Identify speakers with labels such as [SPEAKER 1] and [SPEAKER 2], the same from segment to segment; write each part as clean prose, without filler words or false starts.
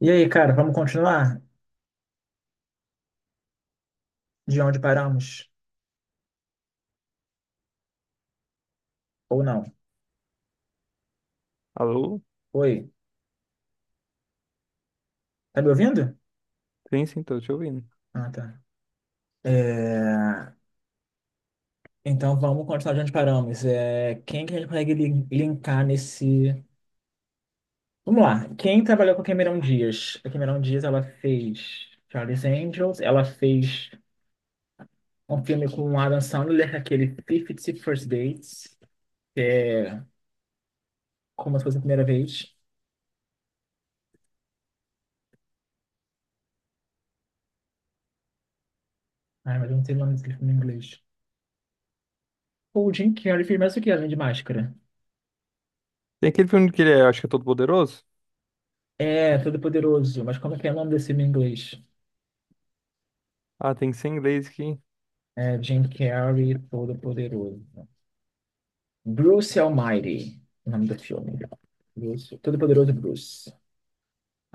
[SPEAKER 1] E aí, cara, vamos continuar de onde paramos? Ou não?
[SPEAKER 2] Alô?
[SPEAKER 1] Oi, tá me ouvindo?
[SPEAKER 2] Sim, sim, tô te ouvindo.
[SPEAKER 1] Ah, tá. É, então vamos continuar de onde paramos. Quem que a gente consegue linkar nesse. Vamos lá. Quem trabalhou com a Cameron Diaz? A Cameron Diaz ela fez Charlie's Angels, ela fez um filme com o Adam Sandler, aquele *Fifty First Dates, como se fosse a primeira vez. Ai, mas eu não sei o nome desse filme em inglês. O Jim Carrey fez mais o que além de máscara?
[SPEAKER 2] Tem aquele filme que ele é, acho que é Todo Poderoso?
[SPEAKER 1] É, Todo-Poderoso. Mas como é que é o nome desse filme em inglês?
[SPEAKER 2] Ah, tem que ser em inglês aqui.
[SPEAKER 1] É Jim Carrey, Todo-Poderoso. Bruce Almighty, o nome do filme. Bruce. Todo-Poderoso Bruce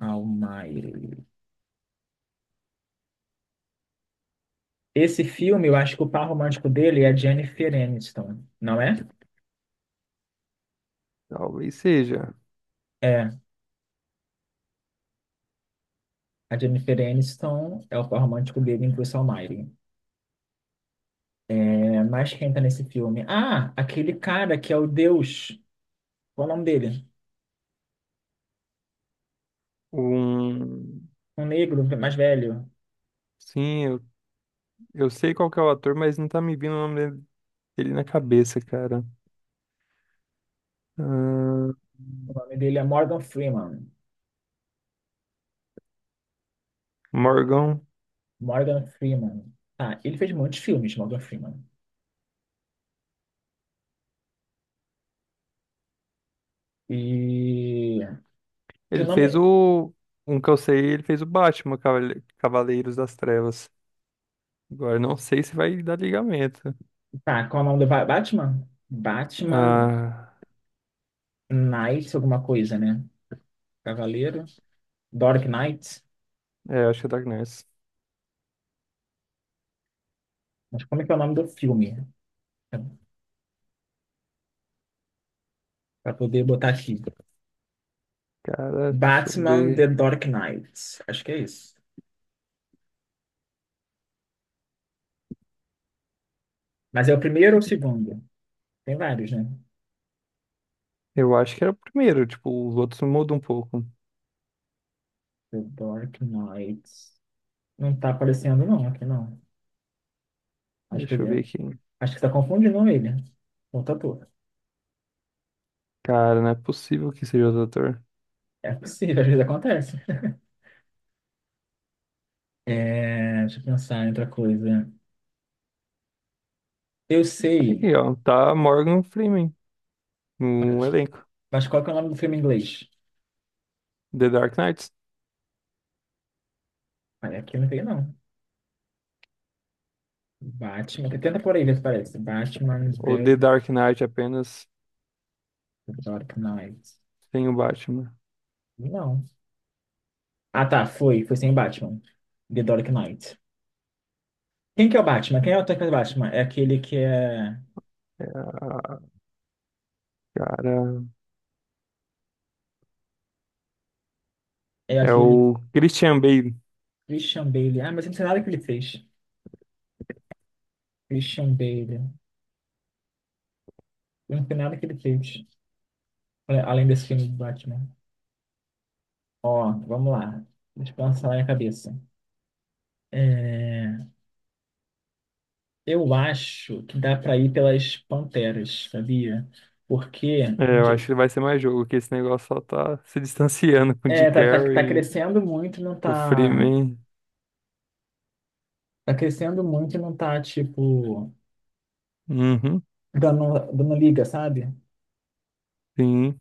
[SPEAKER 1] Almighty. Esse filme, eu acho que o par romântico dele é a Jennifer Aniston, não é?
[SPEAKER 2] Talvez seja.
[SPEAKER 1] É. A Jennifer Aniston é o par romântico dele em Bruce Almighty. É, mas quem tá nesse filme? Ah, aquele cara que é o Deus. Qual é o nome dele?
[SPEAKER 2] Um.
[SPEAKER 1] Um negro mais velho.
[SPEAKER 2] Sim, eu sei qual que é o ator, mas não tá me vindo o nome dele na cabeça, cara. Ah,
[SPEAKER 1] O nome dele é Morgan Freeman.
[SPEAKER 2] Morgan.
[SPEAKER 1] Morgan Freeman. Tá, ele fez muitos filmes, Morgan Freeman. E. Seu
[SPEAKER 2] Ele fez
[SPEAKER 1] nome.
[SPEAKER 2] o. Um que eu sei, ele fez o Batman, Cavaleiros das Trevas. Agora, eu não sei se vai dar ligamento.
[SPEAKER 1] Tá, qual é o nome do Batman? Batman
[SPEAKER 2] Ah,
[SPEAKER 1] Knight, alguma coisa, né? Cavaleiro. Dark Knight.
[SPEAKER 2] é, acho que é Dark Knight.
[SPEAKER 1] Mas como é que é o nome do filme? Pra poder botar aqui.
[SPEAKER 2] Cara, deixa eu
[SPEAKER 1] Batman The
[SPEAKER 2] ver.
[SPEAKER 1] Dark Knight. Acho que é isso. Mas é o primeiro ou o segundo? Tem vários, né?
[SPEAKER 2] Eu acho que era o primeiro, tipo, os outros mudam um pouco.
[SPEAKER 1] The Dark Knight. Não tá aparecendo, não, aqui não. Acho que
[SPEAKER 2] Deixa
[SPEAKER 1] ele.
[SPEAKER 2] eu ver
[SPEAKER 1] é,
[SPEAKER 2] aqui.
[SPEAKER 1] Acho que tá confundindo ele. Outro ator.
[SPEAKER 2] Cara, não é possível que seja outro ator.
[SPEAKER 1] É possível, às vezes acontece. É, deixa eu pensar em outra coisa. Eu sei,
[SPEAKER 2] Aqui, ó. Tá Morgan Freeman no
[SPEAKER 1] mas,
[SPEAKER 2] elenco.
[SPEAKER 1] mas qual que é o nome do filme em inglês?
[SPEAKER 2] The Dark Knights.
[SPEAKER 1] Aí aqui eu não sei, não. Batman. Tenta por aí ver se parece. Batman
[SPEAKER 2] Ou
[SPEAKER 1] The
[SPEAKER 2] The Dark Knight apenas
[SPEAKER 1] Dark Knight.
[SPEAKER 2] sem o Batman.
[SPEAKER 1] Não. Ah, tá, foi. Foi sem Batman. The Dark Knight. Quem que é o Batman? Quem é o ator que faz o Batman? É aquele que é.
[SPEAKER 2] É, a- cara,
[SPEAKER 1] É
[SPEAKER 2] é
[SPEAKER 1] aquele
[SPEAKER 2] o Christian Bale.
[SPEAKER 1] Christian Bale. Ah, mas eu não sei nada que ele fez. Christian Bale. Eu não sei nada que ele fez. Olha, além desse filme do Batman. Ó, vamos lá. Deixa eu pensar na minha cabeça. É, eu acho que dá para ir pelas panteras, sabia? Porque
[SPEAKER 2] É, eu acho que vai ser mais jogo, que esse negócio só tá se distanciando com o Jim
[SPEAKER 1] é, tá
[SPEAKER 2] Carrey,
[SPEAKER 1] crescendo muito, e não
[SPEAKER 2] o
[SPEAKER 1] tá.
[SPEAKER 2] Freeman.
[SPEAKER 1] Tá crescendo muito, e não tá, tipo,
[SPEAKER 2] Uhum,
[SPEAKER 1] dando liga, sabe?
[SPEAKER 2] sim.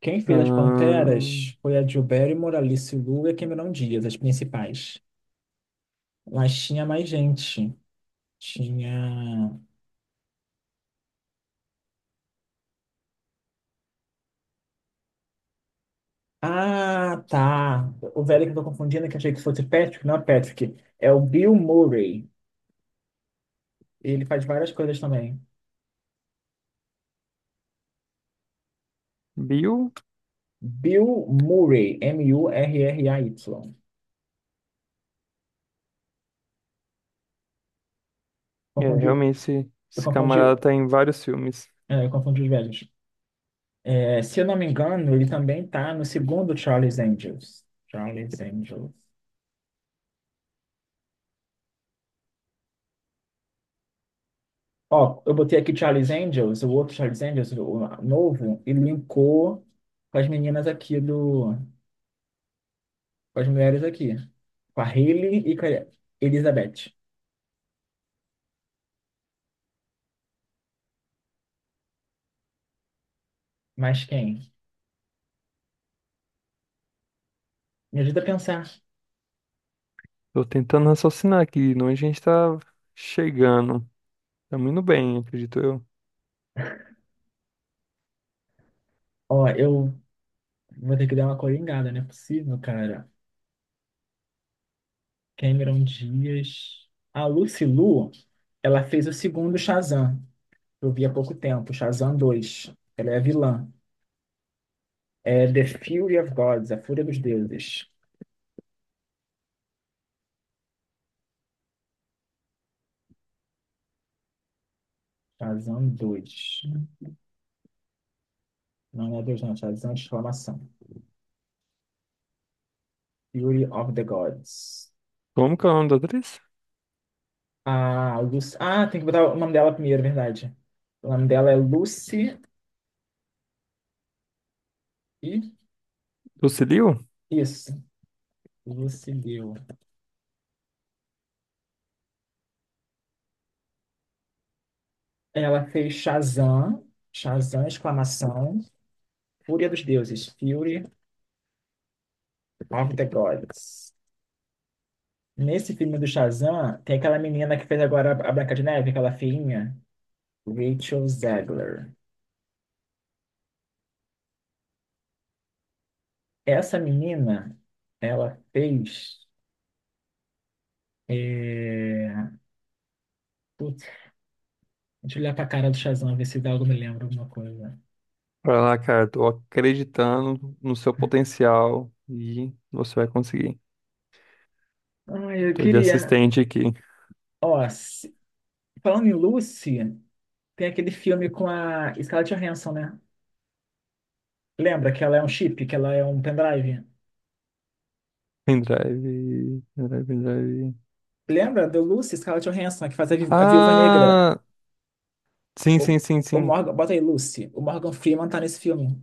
[SPEAKER 1] Quem fez as
[SPEAKER 2] Ahn,
[SPEAKER 1] panteras foi a Drew Barrymore, a Alice Lu e a Cameron Diaz, as principais. Mas tinha mais gente. Tinha. Ah, tá. O velho que eu tô confundindo, que eu achei que fosse Patrick, não é Patrick. É o Bill Murray. Ele faz várias coisas também.
[SPEAKER 2] Bill.
[SPEAKER 1] Bill Murray, M-U-R-R-A-Y.
[SPEAKER 2] É,
[SPEAKER 1] Confundiu.
[SPEAKER 2] realmente esse,
[SPEAKER 1] Eu
[SPEAKER 2] esse
[SPEAKER 1] confundi.
[SPEAKER 2] camarada tá em vários filmes.
[SPEAKER 1] É, eu confundi os velhos. É, se eu não me engano, ele também tá no segundo Charlie's Angels. Charlie's Angels. Ó, eu botei aqui Charlie's Angels, o outro Charlie's Angels, o novo, e linkou com as meninas aqui do. Com as mulheres aqui. Com a Hailey e com a Elizabeth. Mas quem? Me ajuda a pensar.
[SPEAKER 2] Tô tentando raciocinar aqui, não a gente tá chegando. Tá muito bem, acredito eu.
[SPEAKER 1] Ó, eu vou ter que dar uma coringada, não é possível, cara. Cameron Dias. A Lucy Liu, ela fez o segundo Shazam, que eu vi há pouco tempo, Shazam 2. Ela é a vilã. É The Fury of Gods, a Fúria dos Deuses. Shazam 2. Não é Deus, não. Shazam de exclamação. Fury of the Gods.
[SPEAKER 2] Como que é o nome da atriz?
[SPEAKER 1] A Lucy... Ah, tem que botar o nome dela primeiro, é verdade. O nome dela é Lucy e...
[SPEAKER 2] Lucilio?
[SPEAKER 1] Isso. Lucy Liu. Ela fez Shazam, Shazam, exclamação, Fúria dos Deuses, Fury of the Gods. Nesse filme do Shazam, tem aquela menina que fez agora a Branca de Neve, aquela feinha, Rachel Zegler. Essa menina, ela fez... É... Putz, deixa eu olhar pra cara do Shazam, ver se dá algo me lembra alguma coisa.
[SPEAKER 2] Vai lá, cara, tô acreditando no seu potencial e você vai conseguir.
[SPEAKER 1] Ai, eu
[SPEAKER 2] Tô de
[SPEAKER 1] queria...
[SPEAKER 2] assistente aqui.
[SPEAKER 1] Ó, se- Falando em Lucy, tem aquele filme com a Scarlett Johansson, né? Lembra que ela é um chip, que ela é um pendrive?
[SPEAKER 2] Pendrive, pendrive, pendrive.
[SPEAKER 1] Lembra do Lucy, Scarlett Johansson, que faz a, a Viúva Negra?
[SPEAKER 2] Ah, sim,
[SPEAKER 1] O,
[SPEAKER 2] sim, sim,
[SPEAKER 1] o
[SPEAKER 2] sim.
[SPEAKER 1] Morgan, bota aí, Lucy. O Morgan Freeman tá nesse filme.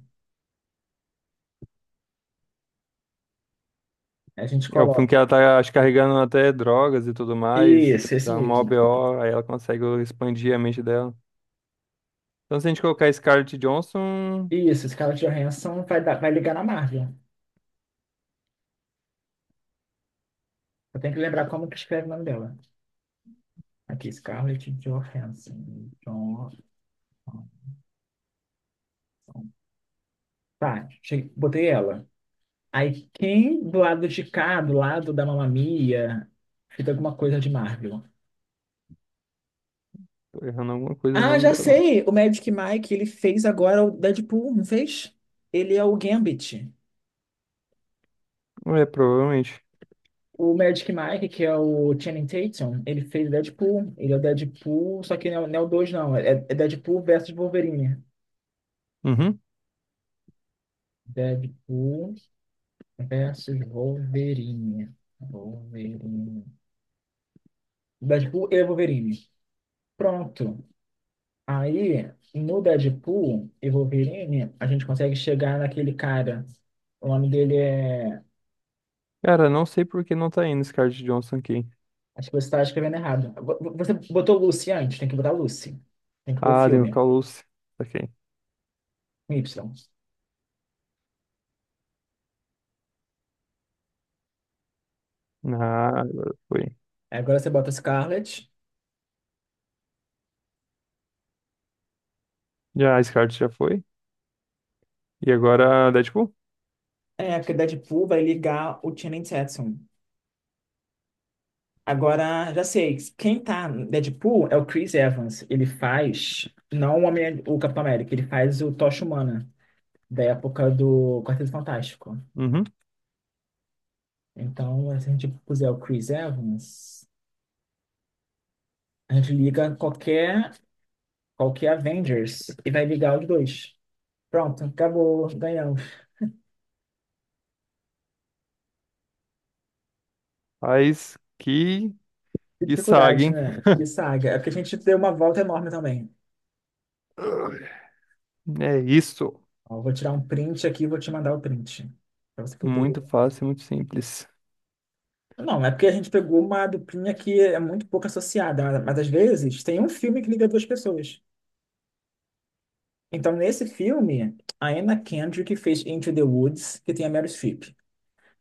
[SPEAKER 1] A gente
[SPEAKER 2] É o filme
[SPEAKER 1] coloca.
[SPEAKER 2] que ela tá, acho, carregando até drogas e tudo mais.
[SPEAKER 1] Isso, esse
[SPEAKER 2] Dá uma
[SPEAKER 1] mesmo.
[SPEAKER 2] OBO, aí ela consegue expandir a mente dela. Então, se a gente colocar Scarlett Johansson,
[SPEAKER 1] Isso, Scarlett Johansson vai ligar na Marvel. Eu tenho que lembrar como que escreve o nome dela. Aqui, Scarlett Johansson. Johansson. Tá, cheguei, botei ela. Aí, quem do lado de cá, do lado da Mamma Mia, fez alguma coisa de Marvel?
[SPEAKER 2] tô errando alguma coisa no
[SPEAKER 1] Ah,
[SPEAKER 2] nome
[SPEAKER 1] já
[SPEAKER 2] dela.
[SPEAKER 1] sei! O Magic Mike, ele fez agora o Deadpool, não fez? Ele é o Gambit.
[SPEAKER 2] É, provavelmente.
[SPEAKER 1] O Magic Mike, que é o Channing Tatum, ele fez Deadpool. Ele é o Deadpool, só que não é o 2, não. É, é Deadpool versus Wolverine.
[SPEAKER 2] Uhum.
[SPEAKER 1] Deadpool versus Wolverine. Wolverine. Deadpool e Wolverine. Pronto. Aí, no Deadpool e Wolverine, a gente consegue chegar naquele cara. O nome dele é.
[SPEAKER 2] Cara, não sei por que não tá indo Scarlett Johnson aqui.
[SPEAKER 1] Acho que você está escrevendo errado. Você botou Lucy antes, tem que botar Lucy. Tem que pôr o
[SPEAKER 2] Ah, tem o
[SPEAKER 1] filme.
[SPEAKER 2] Calus. Saquei.
[SPEAKER 1] Com Y.
[SPEAKER 2] Ah, agora foi.
[SPEAKER 1] Agora você bota Scarlet.
[SPEAKER 2] Já, a Scarlett já foi. E agora, Deadpool?
[SPEAKER 1] É, porque Deadpool vai ligar o Channing Tatum. Agora, já sei, quem tá no Deadpool é o Chris Evans. Ele faz, não o, Homem, o Capitão América, ele faz o Tocha Humana, da época do Quarteto Fantástico.
[SPEAKER 2] Uhum.
[SPEAKER 1] Então, se a gente puser o Chris Evans, a gente liga qualquer Avengers e vai ligar os dois. Pronto, acabou, ganhamos.
[SPEAKER 2] Mas
[SPEAKER 1] Que
[SPEAKER 2] que saga,
[SPEAKER 1] dificuldade,
[SPEAKER 2] hein?
[SPEAKER 1] né? Que saga. É porque a gente deu uma volta enorme também.
[SPEAKER 2] É isso.
[SPEAKER 1] Ó, eu vou tirar um print aqui e vou te mandar o print, pra você poder.
[SPEAKER 2] Muito fácil, muito simples.
[SPEAKER 1] Não, é porque a gente pegou uma duplinha que é muito pouco associada, mas às vezes tem um filme que liga duas pessoas. Então, nesse filme, a Anna Kendrick fez Into the Woods, que tem a Meryl Streep.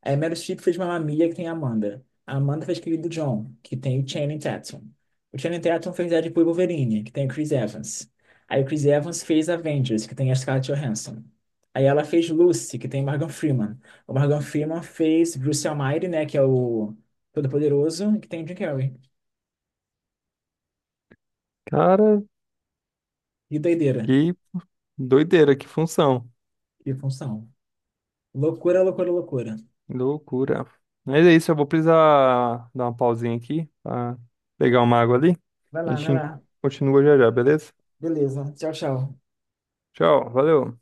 [SPEAKER 1] Aí Meryl Streep fez Mamma Mia, que tem a Amanda. A Amanda fez Querido John, que tem o Channing Tatum. O Channing Tatum fez Deadpool e Wolverine, que tem o Chris Evans. Aí o Chris Evans fez Avengers, que tem a Scarlett Johansson. Aí ela fez Lucy, que tem Morgan Freeman. O Morgan Freeman fez Bruce Almighty, né, que é o Todo-Poderoso, que tem o Jim Carrey.
[SPEAKER 2] Cara,
[SPEAKER 1] E doideira,
[SPEAKER 2] que doideira, que função.
[SPEAKER 1] e função. Loucura, loucura, loucura.
[SPEAKER 2] Loucura. Mas é isso, eu vou precisar dar uma pausinha aqui pra pegar uma água ali.
[SPEAKER 1] Vai
[SPEAKER 2] A
[SPEAKER 1] lá,
[SPEAKER 2] gente
[SPEAKER 1] vai lá.
[SPEAKER 2] continua já já, beleza?
[SPEAKER 1] Beleza. Tchau, tchau.
[SPEAKER 2] Tchau, valeu.